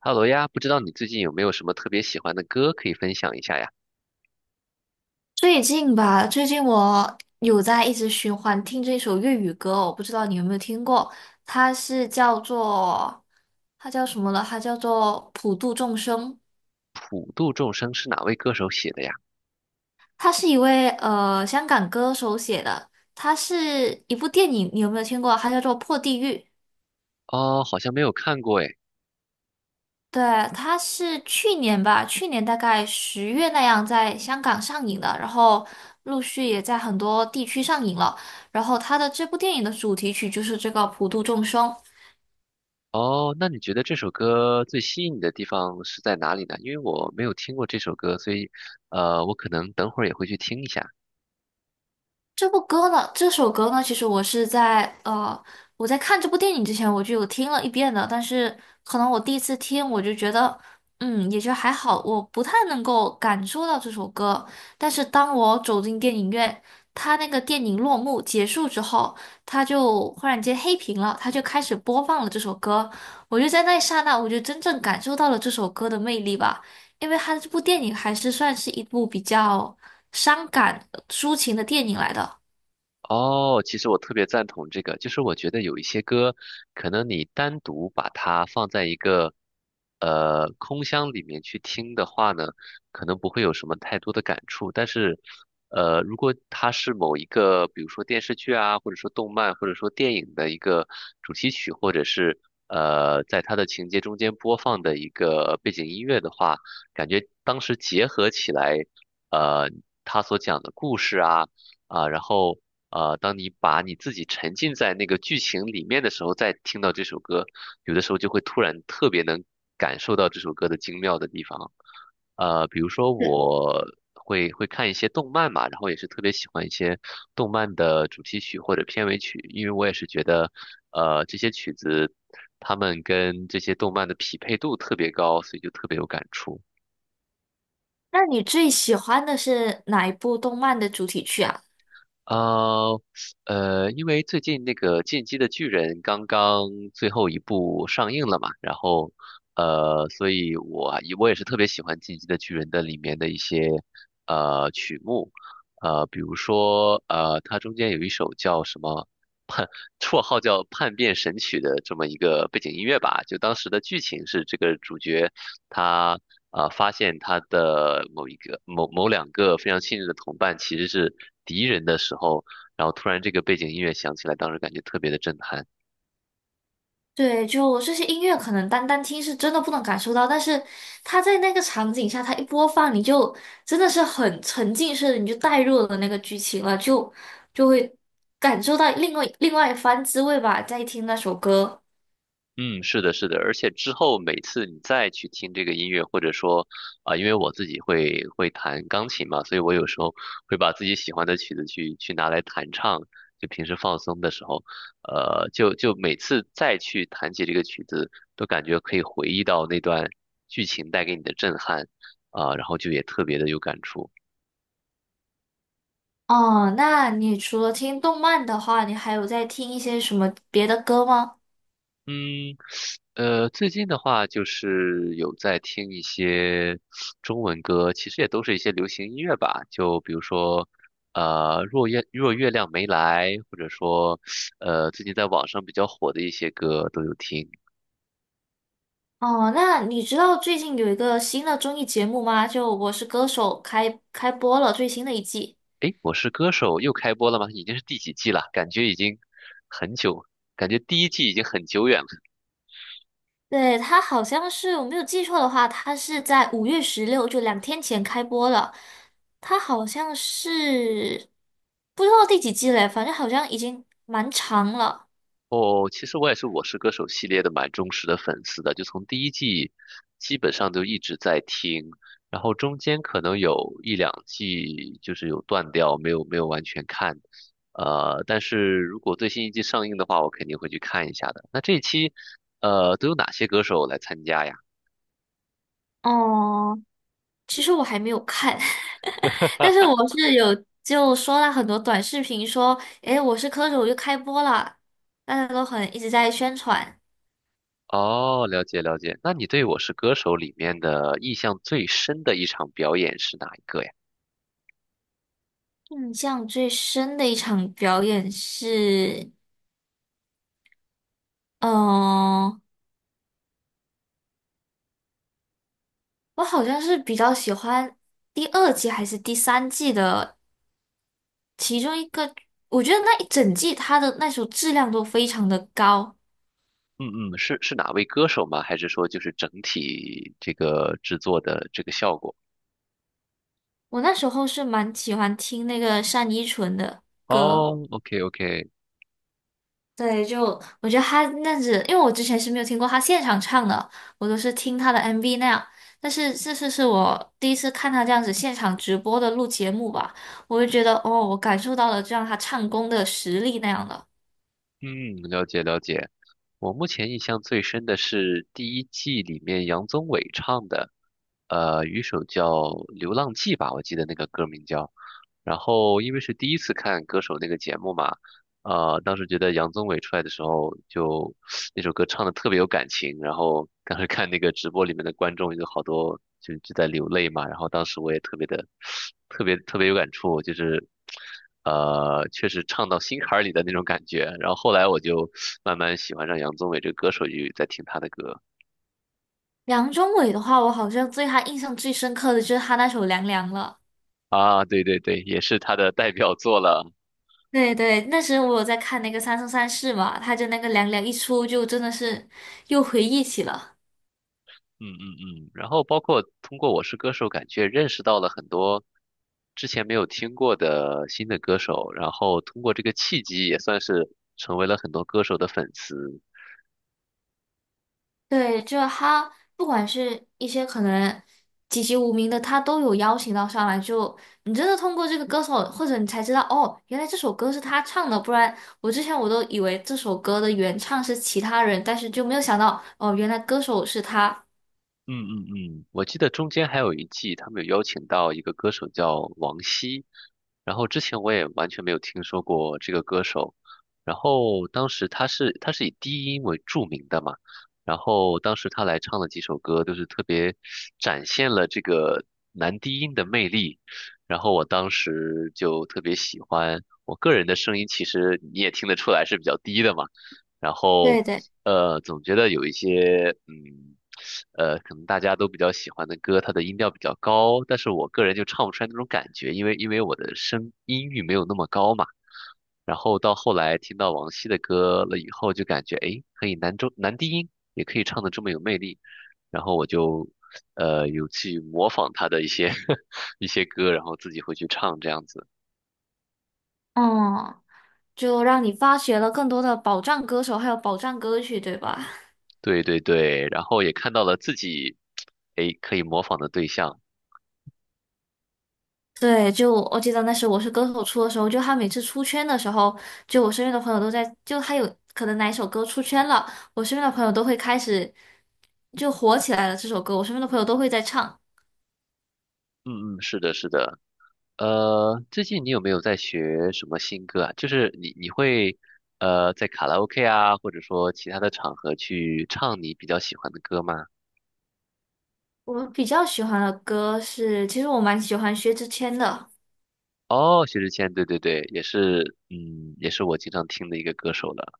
哈喽呀，不知道你最近有没有什么特别喜欢的歌可以分享一下呀？最近吧，最近我有在一直循环听这首粤语歌哦我不知道你有没有听过。它是叫做它叫什么了？它叫做《普度众生》。普度众生是哪位歌手写的呀？它是一位香港歌手写的。它是一部电影，你有没有听过？它叫做《破地狱》。哦，好像没有看过诶。对。它是去年吧，去年大概10月那样在香港上映的，然后陆续也在很多地区上映了。然后它的这部电影的主题曲就是这个《普度众生》。哦，那你觉得这首歌最吸引你的地方是在哪里呢？因为我没有听过这首歌，所以我可能等会儿也会去听一下。这首歌呢，其实我在看这部电影之前我就有听了一遍的，但是可能我第一次听我就觉得，也就还好，我不太能够感受到这首歌。但是当我走进电影院，它那个电影落幕结束之后，它就忽然间黑屏了，它就开始播放了这首歌，我就在那一刹那，我就真正感受到了这首歌的魅力吧，因为它这部电影还是算是一部比较伤感抒情的电影来的。哦，其实我特别赞同这个，就是我觉得有一些歌，可能你单独把它放在一个空箱里面去听的话呢，可能不会有什么太多的感触。但是，呃，如果它是某一个，比如说电视剧啊，或者说动漫，或者说电影的一个主题曲，或者是在它的情节中间播放的一个背景音乐的话，感觉当时结合起来，呃，他所讲的故事啊。啊，然后当你把你自己沉浸在那个剧情里面的时候，再听到这首歌，有的时候就会突然特别能感受到这首歌的精妙的地方。呃，比如说我会看一些动漫嘛，然后也是特别喜欢一些动漫的主题曲或者片尾曲，因为我也是觉得，呃，这些曲子它们跟这些动漫的匹配度特别高，所以就特别有感触。那你最喜欢的是哪一部动漫的主题曲啊？呃，因为最近那个《进击的巨人》刚刚最后一部上映了嘛，然后，呃，所以我也是特别喜欢《进击的巨人》的里面的一些曲目，呃，比如说它中间有一首叫什么叛，绰号叫叛变神曲的这么一个背景音乐吧，就当时的剧情是这个主角。他发现他的某一个某某两个非常信任的同伴其实是敌人的时候，然后突然这个背景音乐响起来，当时感觉特别的震撼。对，就这些音乐，可能单单听是真的不能感受到，但是它在那个场景下，它一播放，你就真的是很沉浸式的，你就带入了那个剧情了，就会感受到另外一番滋味吧。在听那首歌。嗯，是的，是的，而且之后每次你再去听这个音乐，或者说啊、因为我自己会弹钢琴嘛，所以我有时候会把自己喜欢的曲子去拿来弹唱，就平时放松的时候，呃，就每次再去弹起这个曲子，都感觉可以回忆到那段剧情带给你的震撼啊、然后就也特别的有感触。哦，那你除了听动漫的话，你还有在听一些什么别的歌吗？嗯，呃，最近的话就是有在听一些中文歌，其实也都是一些流行音乐吧。就比如说，呃，若月亮没来，或者说，呃，最近在网上比较火的一些歌都有听。哦，那你知道最近有一个新的综艺节目吗？就《我是歌手》开播了最新的一季。诶，我是歌手又开播了吗？已经是第几季了？感觉已经很久，感觉第一季已经很久远了。对，它好像是我没有记错的话，它是在5月16，就两天前开播了。它好像是不知道第几季嘞，反正好像已经蛮长了。哦，其实我也是《我是歌手》系列的蛮忠实的粉丝的，就从第一季基本上都一直在听，然后中间可能有一两季就是有断掉，没有完全看，呃，但是如果最新一季上映的话，我肯定会去看一下的。那这一期，呃，都有哪些歌手来参加呀？哦，其实我还没有看。但是我是有就刷了很多短视频说，诶，《我是歌手》又开播了，大家都很一直在宣传。哦，了解了解。那你对《我是歌手》里面的印象最深的一场表演是哪一个呀？印象最深的一场表演是，嗯、我好像是比较喜欢第二季还是第三季的其中一个，我觉得那一整季它的那首质量都非常的高。嗯嗯，是哪位歌手吗？还是说就是整体这个制作的这个效果？我那时候是蛮喜欢听那个单依纯的。哦，OK OK，对，就我觉得他那样子，因为我之前是没有听过他现场唱的，我都是听他的 MV 那样。但是这次是我第一次看他这样子现场直播的录节目吧，我就觉得哦，我感受到了这样他唱功的实力那样的。嗯，了解了解。我目前印象最深的是第一季里面杨宗纬唱的，呃，有一首叫《流浪记》吧，我记得那个歌名叫。然后因为是第一次看歌手那个节目嘛，呃，当时觉得杨宗纬出来的时候就 那首歌唱的特别有感情，然后当时看那个直播里面的观众有好多就在流泪嘛，然后当时我也特别的 特别特别有感触，就是呃，确实唱到心坎儿里的那种感觉。然后后来我就慢慢喜欢上杨宗纬这个歌手，就在听他的歌梁中伟的话，我好像对他印象最深刻的就是他那首《凉凉》了。啊，对对对，也是他的代表作了。对对，那时我有在看那个《三生三世》嘛，他就那个《凉凉》一出，就真的是又回忆起了。嗯嗯嗯，然后包括通过《我是歌手》，感觉认识到了很多之前没有听过的新的歌手，然后通过这个契机，也算是成为了很多歌手的粉丝。对，就他不管是一些可能籍籍无名的，他都有邀请到上来就。你真的通过这个歌手，或者你才知道哦，原来这首歌是他唱的，不然我之前我都以为这首歌的原唱是其他人，但是就没有想到哦，原来歌手是他。嗯嗯嗯，我记得中间还有一季，他们有邀请到一个歌手叫王晰，然后之前我也完全没有听说过这个歌手，然后当时他是以低音为著名的嘛，然后当时他来唱的几首歌都是特别展现了这个男低音的魅力，然后我当时就特别喜欢，我个人的声音其实你也听得出来是比较低的嘛。然后对对。呃，总觉得有一些，嗯，呃，可能大家都比较喜欢的歌，它的音调比较高，但是我个人就唱不出来那种感觉，因为我的声音域没有那么高嘛。然后到后来听到王晰的歌了以后，就感觉诶，可以男低音也可以唱的这么有魅力，然后我就有去模仿他的一些 一些歌，然后自己会去唱这样子。嗯，就让你发掘了更多的宝藏歌手，还有宝藏歌曲，对吧？对对对，然后也看到了自己诶可以模仿的对象。对，就我记得那时候我是歌手出的时候，就他每次出圈的时候，就我身边的朋友都在，就他有可能哪一首歌出圈了，我身边的朋友都会开始就火起来了。这首歌，我身边的朋友都会在唱。嗯嗯，是的，是的。呃，最近你有没有在学什么新歌啊？就是你会在卡拉 OK 啊，或者说其他的场合去唱你比较喜欢的歌吗？我比较喜欢的歌是，其实我蛮喜欢薛之谦的。哦，薛之谦，对对对，也是，嗯，也是我经常听的一个歌手了。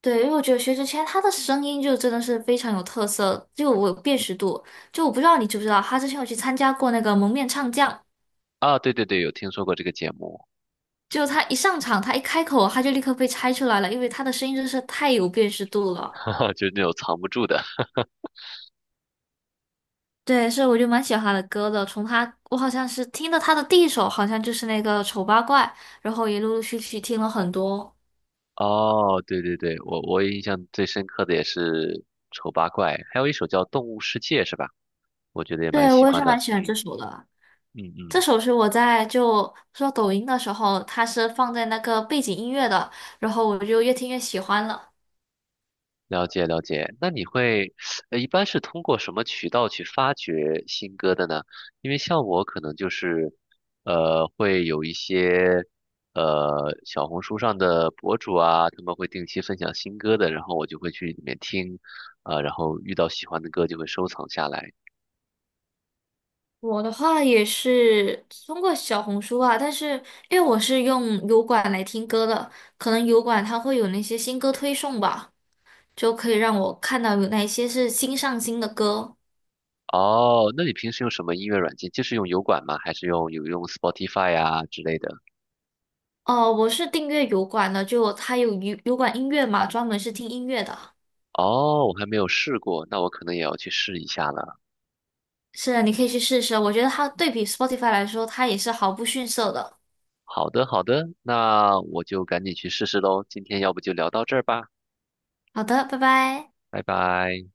对，因为我觉得薛之谦他的声音就真的是非常有特色，就我有辨识度。就我不知道你知不知道，他之前有去参加过那个《蒙面唱将》。啊，对对对，有听说过这个节目，就他一上场，他一开口，他就立刻被猜出来了，因为他的声音真是太有辨识度 了。哈哈，就是那种藏不住的。对，是我就蛮喜欢他的歌的。从他，我好像是听的他的第一首，好像就是那个《丑八怪》，然后也陆陆续续听了很多。哦，对对对，我印象最深刻的也是《丑八怪》，还有一首叫《动物世界》，是吧？我觉得也蛮对，喜我也欢是蛮的。喜欢嗯这首的。嗯这嗯。首是我在就刷抖音的时候，它是放在那个背景音乐的，然后我就越听越喜欢了。了解了解，那你会，呃，一般是通过什么渠道去发掘新歌的呢？因为像我可能就是，呃，会有一些，呃，小红书上的博主啊，他们会定期分享新歌的，然后我就会去里面听，啊、然后遇到喜欢的歌就会收藏下来。我的话也是通过小红书啊，但是因为我是用油管来听歌的，可能油管它会有那些新歌推送吧，就可以让我看到有哪些是新上新的歌。哦，那你平时用什么音乐软件？就是用油管吗？还是用 Spotify 呀之类的？哦，我是订阅油管的，就它有油管音乐嘛，专门是听音乐的。哦，我还没有试过，那我可能也要去试一下了。是的，你可以去试试，我觉得它对比 Spotify 来说，它也是毫不逊色的。好的，好的，那我就赶紧去试试喽。今天要不就聊到这儿吧，好的，拜拜。拜拜。